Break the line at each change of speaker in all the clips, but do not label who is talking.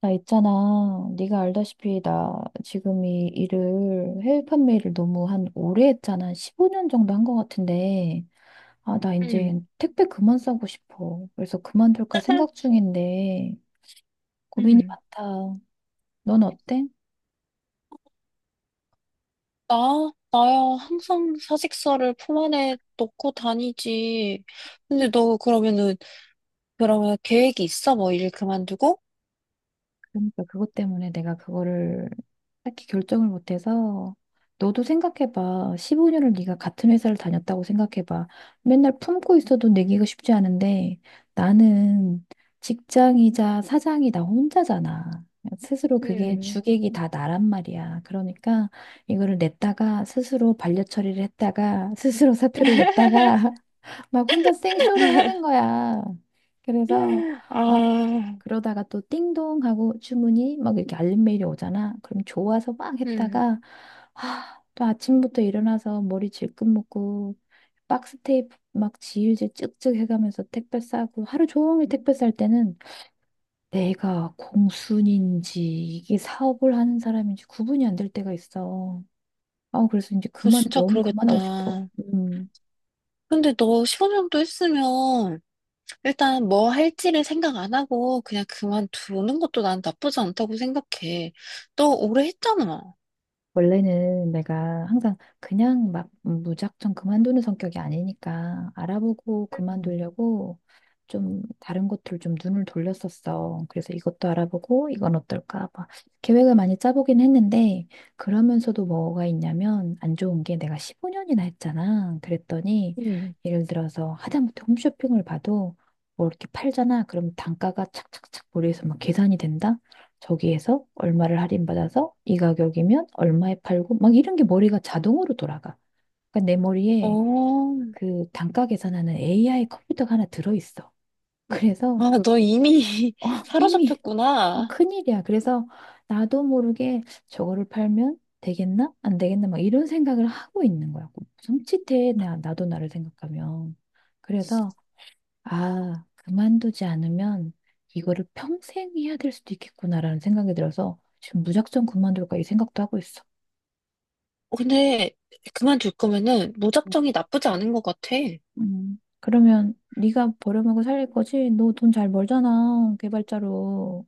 나 있잖아. 네가 알다시피 나 지금 이 일을 해외 판매를 너무 한 오래 했잖아. 15년 정도 한 것 같은데. 아, 나
음,
이제 택배 그만 싸고 싶어. 그래서 그만둘까 생각 중인데 고민이
음.
많다. 넌 어때?
나야 항상 사직서를 품 안에 넣고 다니지. 근데 너 그러면 계획이 있어? 뭐 일 그만두고?
그러니까 그것 때문에 내가 그거를 딱히 결정을 못해서 너도 생각해봐. 15년을 네가 같은 회사를 다녔다고 생각해봐. 맨날 품고 있어도 내기가 쉽지 않은데 나는 직장이자 사장이 나 혼자잖아. 스스로 그게
음.
주객이 다 나란 말이야. 그러니까 이거를 냈다가 스스로 반려 처리를 했다가 스스로 사표를 냈다가 막 혼자 생쇼를 하는 거야. 그래서 아,
아,
그러다가 또 띵동 하고 주문이 막 이렇게 알림 메일이 오잖아. 그럼 좋아서 막
음.
했다가 아, 또 아침부터 일어나서 머리 질끈 묶고 박스 테이프 막 지우개 쭉쭉 해가면서 택배 싸고 하루 종일 택배 쌀 때는 내가 공순인지 이게 사업을 하는 사람인지 구분이 안 될 때가 있어. 아, 그래서 이제
그거
그만
진짜
너무 그만하고 싶어.
그러겠다.
음.
근데 너 15년 정도 했으면 일단 뭐 할지를 생각 안 하고 그냥 그만두는 것도 난 나쁘지 않다고 생각해. 너 오래 했잖아.
원래는 내가 항상 그냥 막 무작정 그만두는 성격이 아니니까 알아보고
음.
그만두려고 좀 다른 곳들 좀 눈을 돌렸었어. 그래서 이것도 알아보고 이건 어떨까 막 계획을 많이 짜보긴 했는데 그러면서도 뭐가 있냐면 안 좋은 게 내가 15년이나 했잖아. 그랬더니
음.
예를 들어서 하다못해 홈쇼핑을 봐도 뭐 이렇게 팔잖아. 그럼 단가가 착착착 머리에서 막 계산이 된다? 저기에서 얼마를 할인받아서 이 가격이면 얼마에 팔고 막 이런 게 머리가 자동으로 돌아가. 그러니까 내 머리에
어.
그 단가 계산하는 AI 컴퓨터가 하나 들어있어. 그래서
아, 너 이미
어, 이미
사로잡혔구나.
큰일이야. 그래서 나도 모르게 저거를 팔면 되겠나? 안 되겠나? 막 이런 생각을 하고 있는 거야. 섬찟해. 나도 나를 생각하면. 그래서 아, 그만두지 않으면 이거를 평생 해야 될 수도 있겠구나라는 생각이 들어서 지금 무작정 그만둘까 이 생각도 하고 있어.
어, 근데 그만둘 거면은 무작정이 나쁘지 않은 것 같아.
그러면 네가 버려먹고 살릴 거지? 너 돈 잘 벌잖아, 개발자로.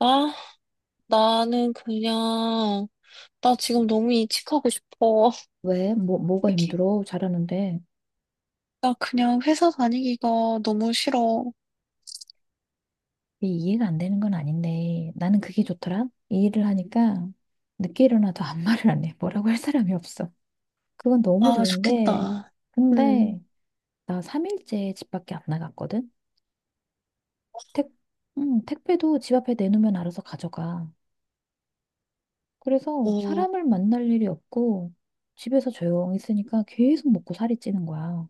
아, 나는 그냥, 나 지금 너무 이직하고 싶어.
왜? 뭐, 뭐가
이렇게,
힘들어? 잘하는데.
나 그냥 회사 다니기가 너무 싫어.
이게 이해가 안 되는 건 아닌데. 나는 그게 좋더라. 이 일을 하니까 늦게 일어나도 아무 말을 안 해. 뭐라고 할 사람이 없어. 그건 너무
아,
좋은데.
좋겠다. 음,
근데 나 3일째 집 밖에 안 나갔거든? 택, 택배도 집 앞에 내놓으면 알아서 가져가. 그래서
어,
사람을 만날 일이 없고 집에서 조용히 있으니까 계속 먹고 살이 찌는 거야.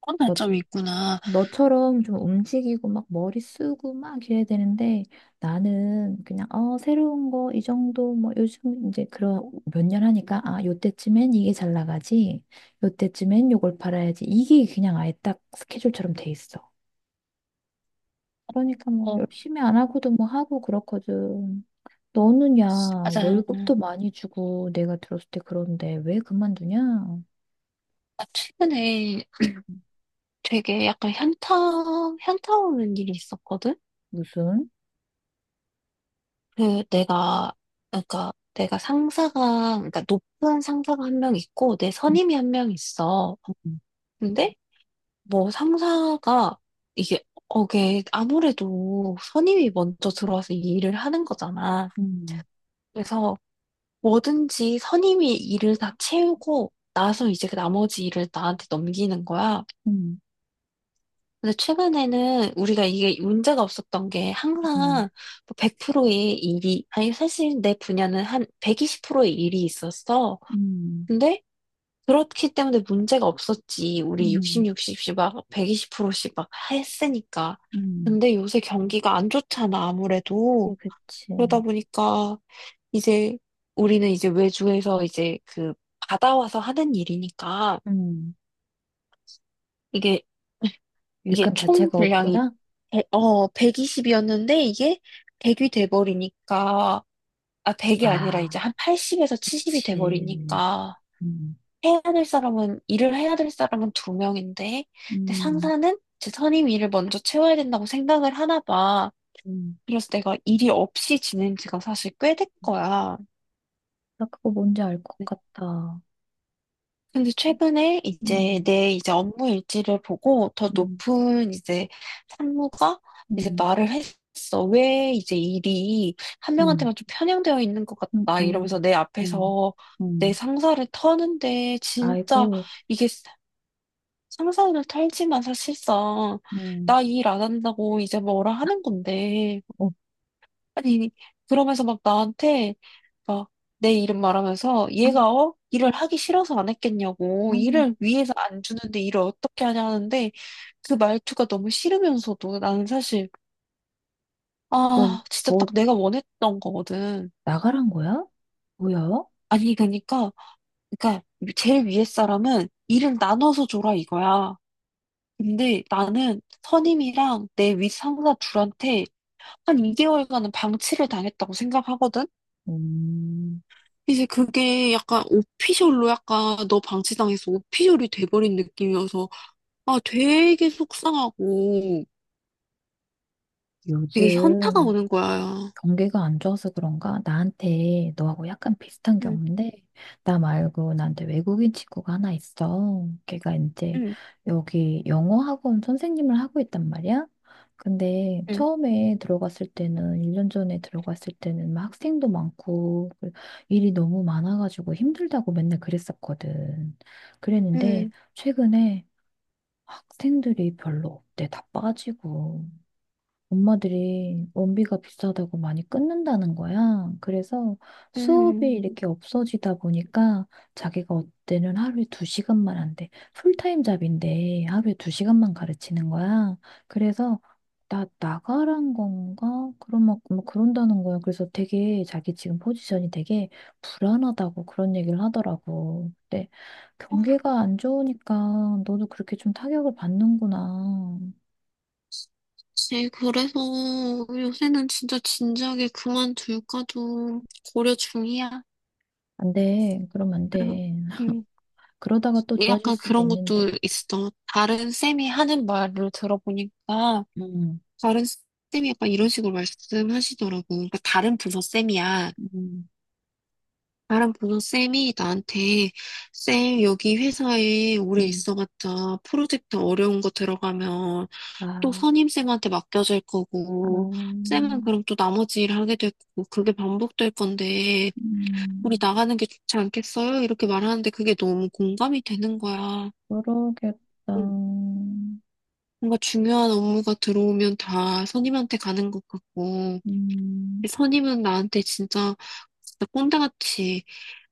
그런
너,
단점이 있구나.
너처럼 좀 움직이고 막 머리 쓰고 막 이래야 되는데 나는 그냥 새로운 거 이 정도 뭐 요즘 이제 그런 몇 년 하니까 아, 요때쯤엔 이게 잘 나가지. 요때쯤엔 요걸 팔아야지. 이게 그냥 아예 딱 스케줄처럼 돼 있어. 그러니까 뭐
어,
열심히 안 하고도 뭐 하고 그렇거든. 너는 야,
맞아.
월급도 많이 주고 내가 들었을 때 그런데 왜 그만두냐?
나 최근에 되게 약간 현타 오는 일이 있었거든?
무슨?
내가 그러니까 내가 상사가 그러니까 높은 상사가 한 명 있고 내 선임이 한 명 있어.
음,
근데 뭐 상사가 이게 어게 아무래도 선임이 먼저 들어와서 이 일을 하는 거잖아.
음,
그래서 뭐든지 선임이 일을 다 채우고 나서 이제 그 나머지 일을 나한테 넘기는 거야.
음,
근데 최근에는 우리가 이게 문제가 없었던 게
음,
항상 뭐 100%의 일이, 아니, 사실 내 분야는 한 120%의 일이 있었어.
음,
근데 그렇기 때문에 문제가 없었지. 우리 60,
음,
60씩 막 120%씩 막 했으니까.
음,
근데 요새 경기가 안 좋잖아,
예,
아무래도.
그치.
그러다 보니까 이제 우리는 이제 외주에서 이제 그 받아와서 하는 일이니까
음.
이게 이게
일감
총
자체가
분량이
없구나?
120이었는데 이게 100이 돼버리니까, 아, 100이 아니라 이제
아,
한 80에서 70이
그치.
돼버리니까,
음,
일을 해야 될 사람은 두 명인데, 근데
음,
상사는 제 선임 일을 먼저 채워야 된다고 생각을 하나 봐.
음,
그래서 내가 일이 없이 지낸 지가 사실 꽤 된 거야.
나 그거 뭔지 알 것 같다.
근데 최근에 이제
음,
내 이제 업무 일지를 보고 더
음,
높은 이제 상무가 이제
음,
말을 했어. 왜 이제 일이 한
음,
명한테만 좀 편향되어 있는 것
음,
같다. 이러면서
음,
내
음,
앞에서 내
음.
상사를 터는데 진짜
아이고,
이게 상사를 털지만 사실상
음.
나 일 안 한다고 이제 뭐라 하는 건데.
어,
아니, 그러면서 막 나한테 막 내 이름 말하면서
음,
얘가 어? 일을 하기 싫어서 안 했겠냐고
음.
일을 위해서 안 주는데 일을 어떻게 하냐 하는데 그 말투가 너무 싫으면서도 나는 사실
뭐,
아 진짜 딱
뭐,
내가 원했던 거거든.
나가란 거야? 뭐야?
아니 그러니까 제일 위에 사람은 일을 나눠서 줘라 이거야. 근데 나는 선임이랑 내 윗상사 둘한테 한 2개월간은 방치를 당했다고 생각하거든.
음,
이제 그게 약간 오피셜로 약간 너 방치당해서 오피셜이 돼버린 느낌이어서 아 되게 속상하고 되게 현타가
요즘
오는 거야.
경기가 안 좋아서 그런가? 나한테 너하고 약간 비슷한
응,
경우인데, 나 말고 나한테 외국인 친구가 하나 있어. 걔가 이제
응,
여기 영어 학원 선생님을 하고 있단 말이야? 근데
응,
처음에 들어갔을 때는, 1년 전에 들어갔을 때는 막 학생도 많고, 그 일이 너무 많아가지고 힘들다고 맨날 그랬었거든. 그랬는데,
응,
최근에 학생들이 별로 없대. 다 빠지고. 엄마들이 원비가 비싸다고 많이 끊는다는 거야. 그래서 수업이
응.
이렇게 없어지다 보니까 자기가 어때는 하루에 두 시간만 한대. 풀타임 잡인데 하루에 두 시간만 가르치는 거야. 그래서 나 나가란 건가? 그런 막 그런다는 거야. 그래서 되게 자기 지금 포지션이 되게 불안하다고 그런 얘기를 하더라고. 근데
아,
경기가 안 좋으니까 너도 그렇게 좀 타격을 받는구나.
그치. 그래서 요새는 진짜 진작에 그만둘까도 고려 중이야.
안 돼. 그럼 안
응,
돼.
응.
그러다가 또 좋아질
약간
수도
그런
있는데.
것도 있어. 다른 쌤이 하는 말을 들어보니까
음,
다른 쌤이 약간 이런 식으로 말씀하시더라고. 그러니까 다른 부서 쌤이야.
음,
나랑 보던 쌤이 나한테 쌤 여기 회사에 오래
음.
있어봤자 프로젝트 어려운 거 들어가면 또
아,
선임쌤한테 맡겨질
아,
거고 쌤은 그럼 또 나머지 일 하게 될 거고 그게 반복될 건데 우리
음,
나가는 게 좋지 않겠어요? 이렇게 말하는데 그게 너무 공감이 되는 거야.
그러겠다.
음, 뭔가 중요한 업무가 들어오면 다 선임한테 가는 것 같고
음,
선임은 나한테 진짜 진짜 꼰대같이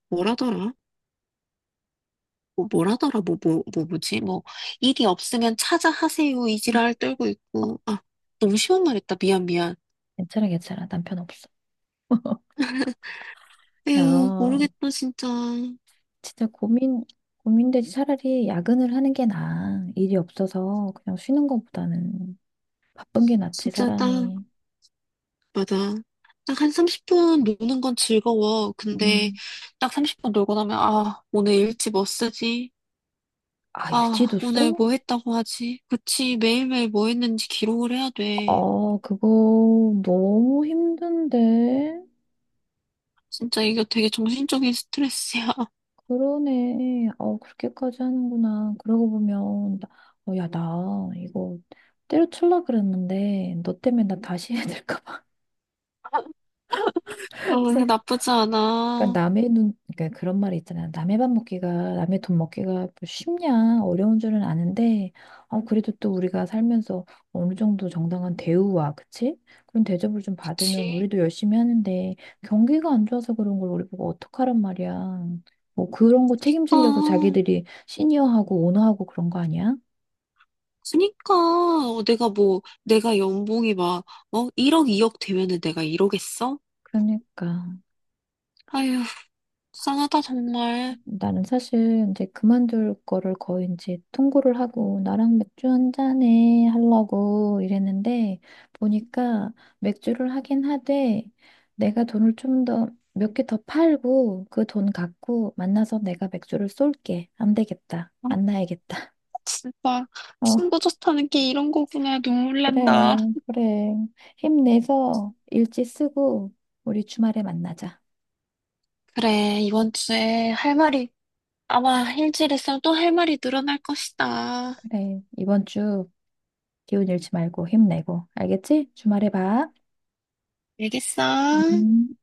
뭐라더라? 뭐, 뭐라더라, 뭐, 뭐, 뭐, 뭐지? 뭐, 일이 없으면 찾아 하세요. 이 지랄 떨고 있고. 아, 너무 쉬운 말 했다. 미안, 미안.
괜찮아, 괜찮아. 남편 없어. 야,
에휴, 모르겠다, 진짜.
진짜 고민되지. 차라리 야근을 하는 게 나아. 일이 없어서 그냥 쉬는 것보다는 바쁜 게 낫지,
진짜 딱,
사람이.
맞아. 딱 한 30분 노는 건 즐거워. 근데
음.
딱 30분 놀고 나면, 아, 오늘 일지 뭐 쓰지?
아,
아,
일지도 써?
오늘 뭐 했다고 하지? 그치, 매일매일 뭐 했는지 기록을 해야 돼.
아, 그거 너무 힘든데.
진짜 이거 되게 정신적인 스트레스야.
그러네. 그렇게까지 하는구나. 그러고 보면, 야, 나 이거 때려칠라 그랬는데, 너 때문에 나 다시 해야 될까 봐.
어, 나쁘지
그러니까
않아.
남의 눈, 그러니까 그런 말이 있잖아. 남의 돈 먹기가 뭐 쉽냐, 어려운 줄은 아는데, 그래도 또 우리가 살면서 어느 정도 정당한 대우와, 그치? 그런 대접을 좀 받으면
그치?
우리도 열심히 하는데, 경기가 안 좋아서 그런 걸 우리 보고 어떡하란 말이야. 뭐 그런 거 책임지려고
아.
자기들이 시니어하고 오너하고 그런 거 아니야?
그니까 어, 내가 연봉이 막 어? 1억 2억 되면은 내가 이러겠어?
그러니까.
아휴, 불쌍하다, 정말.
나는 사실 이제 그만둘 거를 거의 이제 통보를 하고 나랑 맥주 한 잔에 하려고 이랬는데 보니까 맥주를 하긴 하되 내가 돈을 좀 더 몇 개 더 팔고 그 돈 갖고 만나서 내가 맥주를 쏠게. 안 되겠다.
아,
만나야겠다.
진짜
어,
친구 좋다는 게 이런 거구나. 눈물
그래,
난다.
그래. 힘내서 일지 쓰고 우리 주말에 만나자.
그래, 이번 주에 할 말이 아마 일주일에 있으면 또 할 말이 늘어날 것이다.
그래. 이번 주 기운 잃지 말고 힘내고. 알겠지? 주말에 봐.
알겠어?
음.